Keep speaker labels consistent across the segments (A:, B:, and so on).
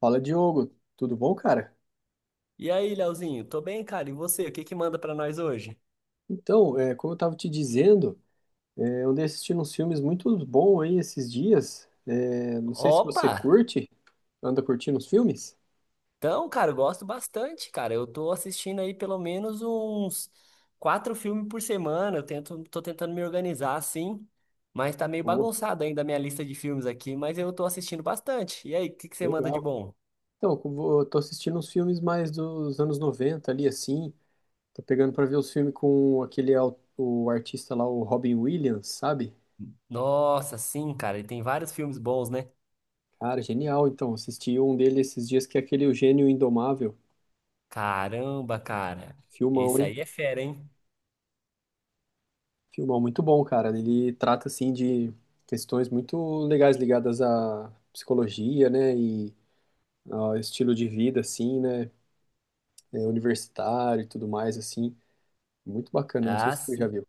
A: Fala, Diogo. Tudo bom, cara?
B: E aí, Leozinho, tô bem, cara. E você, o que que manda pra nós hoje?
A: Então, como eu estava te dizendo, eu andei assistindo uns filmes muito bons aí esses dias. Não sei se
B: Opa!
A: você curte, anda curtindo os filmes?
B: Então, cara, eu gosto bastante, cara. Eu tô assistindo aí pelo menos uns quatro filmes por semana. Tô tentando me organizar assim, mas tá meio
A: Pô,
B: bagunçado ainda a minha lista de filmes aqui, mas eu tô assistindo bastante. E aí, o que que você manda de
A: legal.
B: bom?
A: Então, tô assistindo uns filmes mais dos anos 90 ali, assim. Tô pegando para ver os filmes com o artista lá, o Robin Williams, sabe?
B: Nossa, sim, cara, e tem vários filmes bons, né?
A: Cara, genial. Então, assisti um dele esses dias que é aquele O Gênio Indomável.
B: Caramba, cara.
A: Filmão,
B: Esse
A: hein?
B: aí é fera, hein?
A: Filmão muito bom, cara. Ele trata assim de questões muito legais ligadas à psicologia, né, e ao estilo de vida assim, né, universitário e tudo mais assim. Muito bacana, não sei
B: Ah,
A: se tu já
B: sim.
A: viu.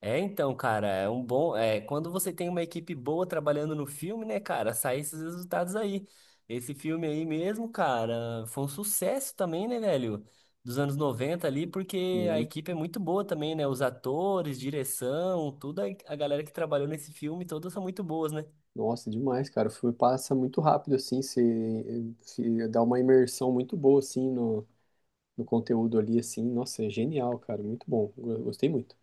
B: É, então, cara, é um bom. É, quando você tem uma equipe boa trabalhando no filme, né, cara, saem esses resultados aí. Esse filme aí mesmo, cara, foi um sucesso também, né, velho? Dos anos 90 ali, porque a
A: Sim.
B: equipe é muito boa também, né? Os atores, direção, toda a galera que trabalhou nesse filme, todas são muito boas, né?
A: Nossa, demais, cara. O filme passa muito rápido assim, você se dá uma imersão muito boa assim no conteúdo ali assim. Nossa, é genial, cara. Muito bom. Gostei muito.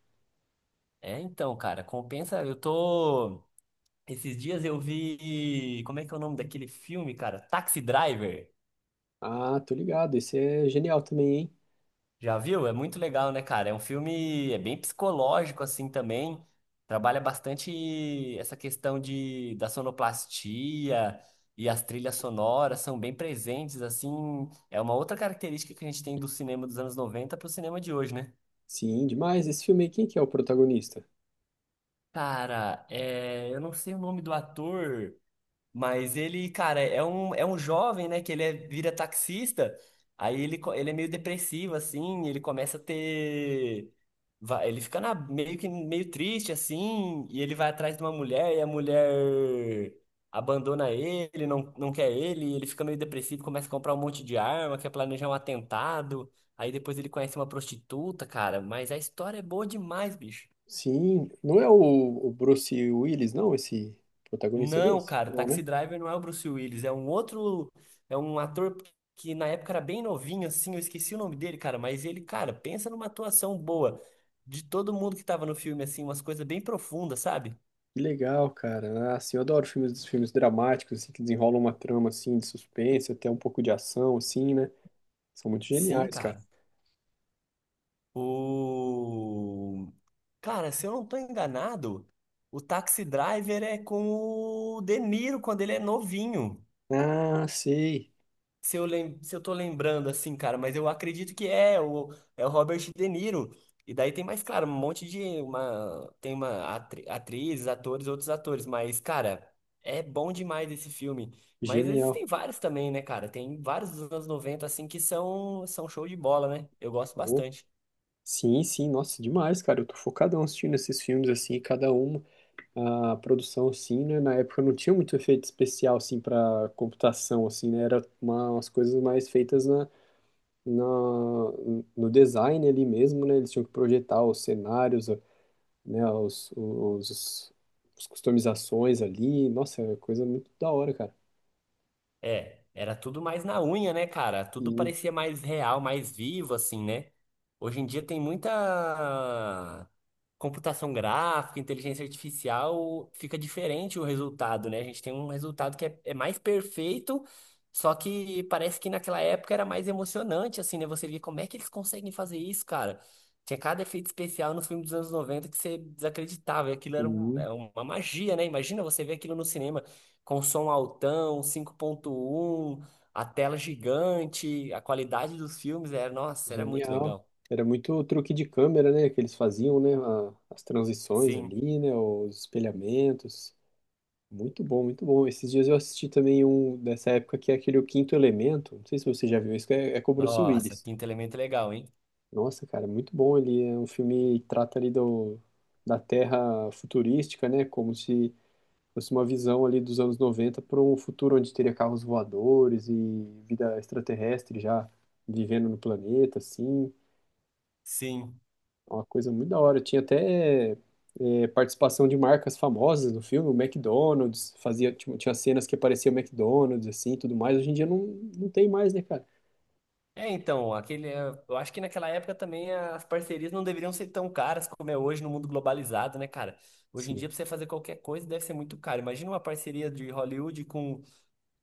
B: É, então, cara, compensa. Eu tô. Esses dias eu vi. Como é que é o nome daquele filme, cara? Taxi Driver.
A: Ah, tô ligado. Esse é genial também, hein?
B: Já viu? É muito legal, né, cara? É um filme, é bem psicológico assim também. Trabalha bastante essa questão de da sonoplastia e as trilhas sonoras são bem presentes assim. É uma outra característica que a gente tem do cinema dos anos 90 para o cinema de hoje, né?
A: Sim, demais. Esse filme aí, quem que é o protagonista?
B: Cara, é, eu não sei o nome do ator, mas ele, cara, é um jovem, né? Que ele vira taxista. Aí ele é meio depressivo, assim. Ele começa a ter. Ele fica meio que meio triste, assim. E ele vai atrás de uma mulher. E a mulher abandona ele, não, não quer ele. E ele fica meio depressivo, começa a comprar um monte de arma, quer planejar um atentado. Aí depois ele conhece uma prostituta, cara. Mas a história é boa demais, bicho.
A: Sim, não é o Bruce Willis, não, esse protagonista
B: Não,
A: desse?
B: cara,
A: Não, né?
B: Taxi Driver não é o Bruce Willis, é um outro, é um ator que na época era bem novinho, assim, eu esqueci o nome dele, cara, mas ele, cara, pensa numa atuação boa de todo mundo que tava no filme, assim, umas coisas bem profundas, sabe?
A: Que legal, cara. Ah, assim, eu adoro filmes, filmes dramáticos, assim, que desenrolam uma trama, assim, de suspense, até um pouco de ação, assim, né? São muito
B: Sim,
A: geniais, cara.
B: cara. O... Cara, se eu não tô enganado, o Taxi Driver é com o De Niro quando ele é novinho.
A: Ah, sei.
B: Se eu tô lembrando assim, cara, mas eu acredito que é o Robert De Niro. E daí tem mais, claro, um monte de uma tem uma atri atrizes, atores, outros atores, mas cara, é bom demais esse filme. Mas
A: Genial.
B: existem vários também, né, cara? Tem vários dos anos 90 assim que são show de bola, né? Eu gosto
A: Pô,
B: bastante.
A: sim, sim, nossa, demais, cara. Eu tô focadão assistindo esses filmes, assim, cada um, a produção, assim, né? Na época não tinha muito efeito especial, assim, pra computação, assim, né? Era umas coisas mais feitas na, no design ali mesmo, né? Eles tinham que projetar os cenários, né? As customizações ali. Nossa, era coisa muito da hora, cara.
B: É, era tudo mais na unha, né, cara? Tudo
A: E,
B: parecia mais real, mais vivo, assim, né? Hoje em dia tem muita computação gráfica, inteligência artificial, fica diferente o resultado, né? A gente tem um resultado que é mais perfeito, só que parece que naquela época era mais emocionante, assim, né? Você via como é que eles conseguem fazer isso, cara? Tinha cada efeito especial nos filmes dos anos 90 que você desacreditava, e aquilo
A: e
B: é uma magia, né? Imagina você ver aquilo no cinema com som altão, 5.1, a tela gigante, a qualidade dos filmes era, nossa, era muito
A: genial.
B: legal.
A: Era muito truque de câmera, né? Que eles faziam, né? As transições
B: Sim.
A: ali, né? Os espelhamentos. Muito bom, muito bom. Esses dias eu assisti também um dessa época que é aquele O Quinto Elemento. Não sei se você já viu isso, que é com o Bruce
B: Nossa,
A: Willis.
B: Quinto Elemento é legal, hein?
A: Nossa, cara, muito bom. Ele é um filme que trata ali da Terra futurística, né? Como se fosse uma visão ali dos anos 90 para um futuro onde teria carros voadores e vida extraterrestre já vivendo no planeta, assim.
B: Sim.
A: É uma coisa muito da hora. Tinha até participação de marcas famosas no filme, o McDonald's, fazia, tinha cenas que aparecia o McDonald's, assim, tudo mais. Hoje em dia não tem mais, né, cara?
B: É, então, aquele, eu acho que naquela época também as parcerias não deveriam ser tão caras como é hoje no mundo globalizado, né, cara? Hoje em
A: Sim.
B: dia, pra você fazer qualquer coisa, deve ser muito caro. Imagina uma parceria de Hollywood com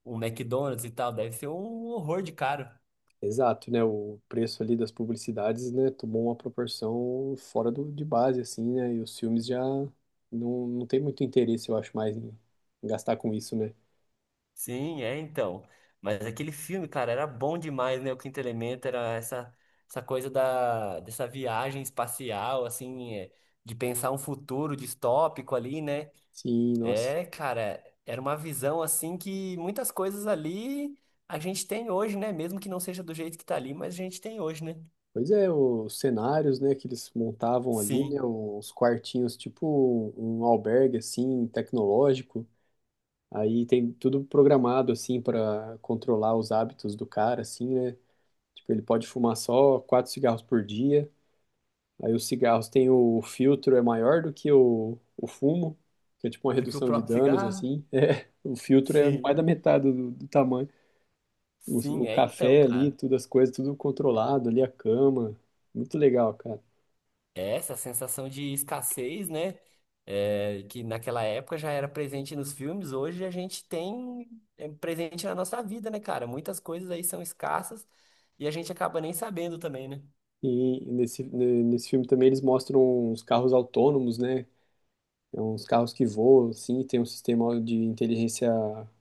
B: o McDonald's e tal, deve ser um horror de caro.
A: Exato, né? O preço ali das publicidades, né, tomou uma proporção fora de base, assim, né? E os filmes já não tem muito interesse, eu acho, mais em gastar com isso, né?
B: Sim, é então. Mas aquele filme, cara, era bom demais, né? O Quinto Elemento era essa coisa dessa viagem espacial, assim, é, de pensar um futuro distópico ali, né?
A: Sim, nossa.
B: É, cara, era uma visão, assim, que muitas coisas ali a gente tem hoje, né? Mesmo que não seja do jeito que tá ali, mas a gente tem hoje, né?
A: Pois é, os cenários, né, que eles montavam ali, né?
B: Sim.
A: Os quartinhos, tipo um albergue, assim, tecnológico. Aí tem tudo programado, assim, para controlar os hábitos do cara, assim, né? Tipo, ele pode fumar só quatro cigarros por dia. Aí os cigarros têm o filtro é maior do que o fumo, que é tipo uma
B: Do que o
A: redução de
B: próprio
A: danos,
B: cigarro?
A: assim. É, o filtro é mais
B: Sim.
A: da metade do tamanho.
B: Sim,
A: O
B: é então,
A: café ali,
B: cara.
A: tudo as coisas, tudo controlado ali, a cama. Muito legal, cara.
B: É essa sensação de escassez, né? É, que naquela época já era presente nos filmes, hoje a gente tem presente na nossa vida, né, cara? Muitas coisas aí são escassas e a gente acaba nem sabendo também, né?
A: E nesse filme também eles mostram uns carros autônomos, né? É uns carros que voam, assim, tem um sistema de inteligência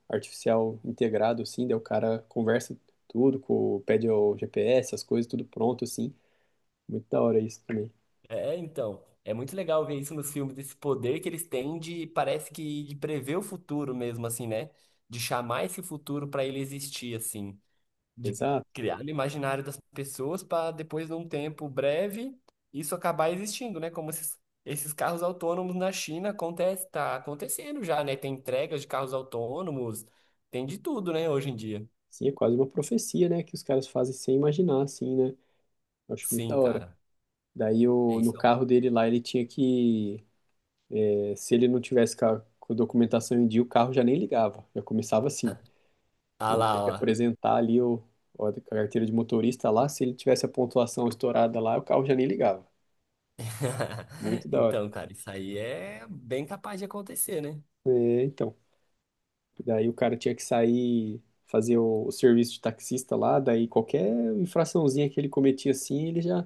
A: artificial integrado, assim, daí o cara conversa tudo, com, pede o GPS, as coisas, tudo pronto, assim. Muito da hora isso também.
B: É, então, é muito legal ver isso nos filmes, esse poder que eles têm de, parece que de prever o futuro mesmo, assim, né? De chamar esse futuro para ele existir, assim, de
A: Exato.
B: criar no imaginário das pessoas para depois, num tempo breve, isso acabar existindo, né? Como esses carros autônomos na China acontece, tá acontecendo já, né? Tem entregas de carros autônomos, tem de tudo, né, hoje em dia.
A: Sim, é quase uma profecia, né? Que os caras fazem sem imaginar, assim, né? Eu acho muito da
B: Sim,
A: hora.
B: cara.
A: Daí,
B: É
A: no
B: isso.
A: carro dele lá, ele tinha que... Se ele não tivesse com com a documentação em dia, o carro já nem ligava. Já começava assim.
B: Ah
A: Ele
B: lá,
A: tinha que
B: ó.
A: apresentar ali a carteira de motorista lá. Se ele tivesse a pontuação estourada lá, o carro já nem ligava. Muito da hora.
B: Então, cara, isso aí é bem capaz de acontecer, né?
A: É, então. Daí, o cara tinha que sair... Fazer o serviço de taxista lá, daí qualquer infraçãozinha que ele cometia assim, ele já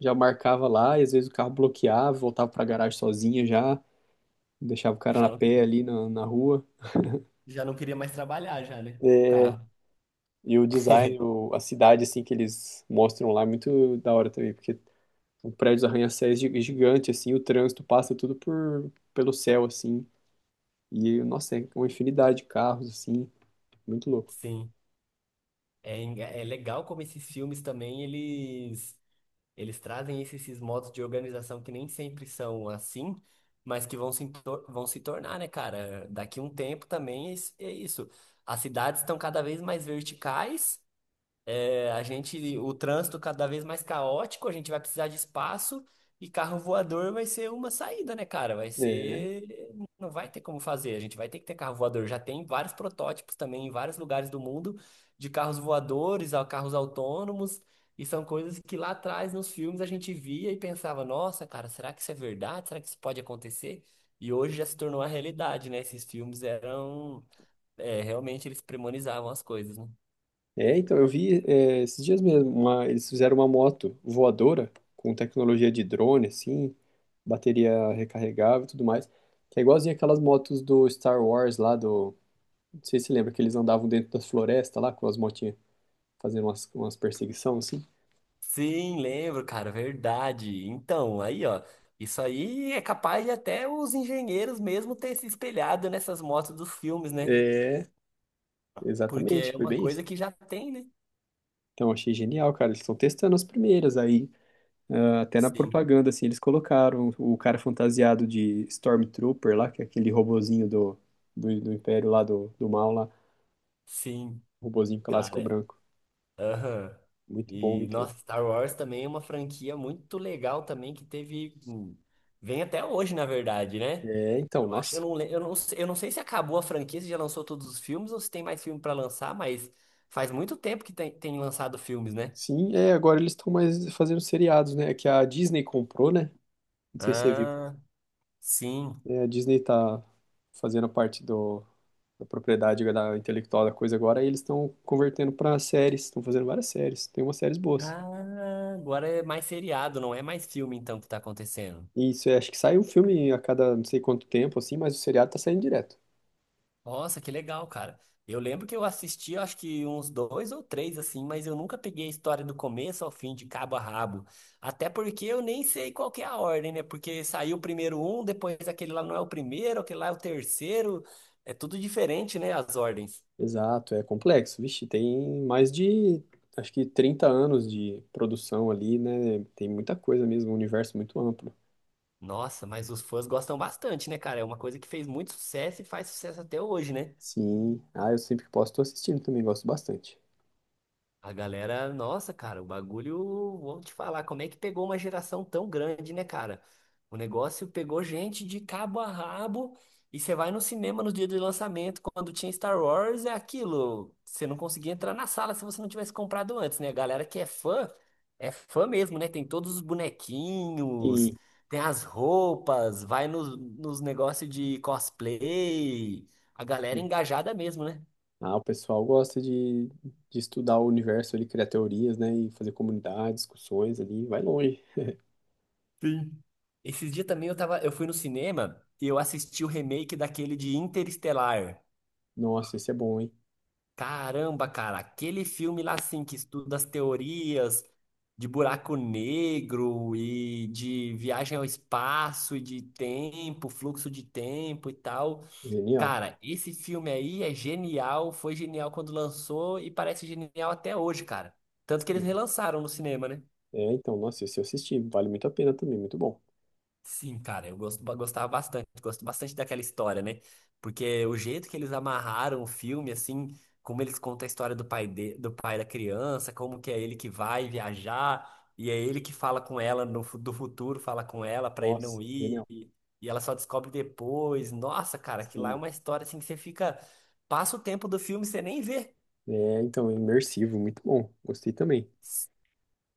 A: já marcava lá, e às vezes o carro bloqueava, voltava pra garagem sozinha já, deixava o cara na
B: Já não
A: pé
B: queria,
A: ali na rua.
B: já não queria mais trabalhar já, né? O carro.
A: E o design, a cidade, assim, que eles mostram lá é muito da hora também, porque o prédio dos arranha-céus é gigante, assim, o trânsito passa tudo pelo céu, assim. E, nossa, é uma infinidade de carros, assim, muito louco.
B: Sim. É, é legal como esses filmes também, eles trazem esses modos de organização que nem sempre são assim, mas que vão se tornar, né, cara? Daqui um tempo também é isso. As cidades estão cada vez mais verticais é, a gente, o trânsito cada vez mais caótico, a gente vai precisar de espaço e carro voador vai ser uma saída, né, cara? Vai
A: É,
B: ser, não vai ter como fazer, a gente vai ter que ter carro voador. Já tem vários protótipos também em vários lugares do mundo de carros voadores, a carros autônomos, e são coisas que lá atrás nos filmes a gente via e pensava, nossa, cara, será que isso é verdade? Será que isso pode acontecer? E hoje já se tornou a realidade, né? Esses filmes eram, realmente eles premonizavam as coisas, né?
A: então, eu vi esses dias mesmo, eles fizeram uma moto voadora com tecnologia de drone, assim, bateria recarregável e tudo mais, que é igualzinho aquelas motos do Star Wars lá do, não sei se você lembra que eles andavam dentro da floresta lá com as motinhas fazendo umas, umas perseguição assim.
B: Sim, lembro, cara, verdade. Então, aí, ó, isso aí é capaz de até os engenheiros mesmo ter se espelhado nessas motos dos filmes, né?
A: É,
B: Porque
A: exatamente,
B: é
A: foi
B: uma
A: bem isso.
B: coisa que já tem, né?
A: Então achei genial, cara, eles estão testando as primeiras aí, ah, até na
B: Sim,
A: propaganda assim, eles colocaram o cara fantasiado de Stormtrooper lá, que é aquele robozinho do, do Império lá do Mal lá,
B: sim,
A: robozinho clássico
B: cara.
A: branco.
B: Aham.
A: Muito bom,
B: E,
A: muito bom.
B: nossa, Star Wars também é uma franquia muito legal também que teve. Vem até hoje, na verdade, né?
A: É, então,
B: Eu acho, eu
A: nossa,
B: não, le- eu não sei se acabou a franquia, se já lançou todos os filmes ou se tem mais filme pra lançar, mas faz muito tempo que tem lançado filmes, né?
A: sim, é, agora eles estão mais fazendo seriados, né? É que a Disney comprou, né? Não sei se você viu.
B: Ah, sim.
A: É, a Disney tá fazendo parte da propriedade da intelectual da coisa agora, e eles estão convertendo para séries, estão fazendo várias séries, tem umas séries boas.
B: Ah, agora é mais seriado, não é mais filme então que tá acontecendo.
A: E isso, é, acho que sai um filme a cada não sei quanto tempo, assim, mas o seriado tá saindo direto.
B: Nossa, que legal, cara. Eu lembro que eu assisti, acho que uns dois ou três assim, mas eu nunca peguei a história do começo ao fim, de cabo a rabo. Até porque eu nem sei qual que é a ordem, né? Porque saiu primeiro um, depois aquele lá não é o primeiro, aquele lá é o terceiro. É tudo diferente, né? As ordens.
A: Exato, é complexo. Vixe, tem mais de, acho que 30 anos de produção ali, né? Tem muita coisa mesmo, um universo muito amplo.
B: Nossa, mas os fãs gostam bastante, né, cara? É uma coisa que fez muito sucesso e faz sucesso até hoje, né?
A: Sim, ah, eu sempre que posso tô assistindo também, gosto bastante.
B: A galera, nossa, cara, o bagulho, vou te falar, como é que pegou uma geração tão grande, né, cara? O negócio pegou gente de cabo a rabo e você vai no cinema no dia do lançamento, quando tinha Star Wars, é aquilo. Você não conseguia entrar na sala se você não tivesse comprado antes, né? A galera que é fã mesmo, né? Tem todos os bonequinhos,
A: E,
B: tem as roupas, vai nos negócios de cosplay. A galera
A: e-
B: é engajada mesmo, né?
A: ah, o pessoal gosta de estudar o universo, ele criar teorias, né? E fazer comunidade, discussões ali, vai longe.
B: Sim. Esses dias também eu fui no cinema e eu assisti o remake daquele de Interestelar.
A: Nossa, esse é bom, hein?
B: Caramba, cara, aquele filme lá assim que estuda as teorias de buraco negro e de viagem ao espaço e de tempo, fluxo de tempo e tal.
A: Genial.
B: Cara, esse filme aí é genial, foi genial quando lançou e parece genial até hoje, cara. Tanto que eles
A: Sim.
B: relançaram no cinema, né?
A: É, então, nossa, esse eu assisti, vale muito a pena também, muito bom.
B: Sim, cara, gostava bastante, gosto bastante daquela história, né? Porque o jeito que eles amarraram o filme, assim, como eles contam a história do pai, do pai da criança, como que é ele que vai viajar, e é ele que fala com ela no, fu- do futuro, fala com ela pra ele
A: Nossa,
B: não ir,
A: genial.
B: e ela só descobre depois. Nossa, cara, que lá é
A: Sim.
B: uma história assim que você fica, passa o tempo do filme e você nem vê.
A: É, então, é imersivo, muito bom. Gostei também.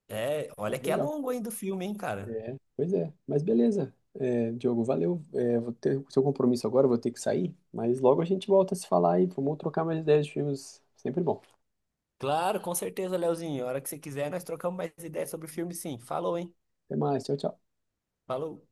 B: É, olha
A: Mas
B: que é
A: legal.
B: longo ainda o filme, hein, cara?
A: É, pois é. Mas beleza. É, Diogo, valeu. É, vou ter o seu compromisso agora, vou ter que sair, mas logo a gente volta a se falar aí. Vamos trocar mais ideias de filmes. Sempre bom.
B: Claro, com certeza, Leozinho. A hora que você quiser, nós trocamos mais ideias sobre o filme, sim. Falou, hein?
A: Até mais, tchau, tchau.
B: Falou.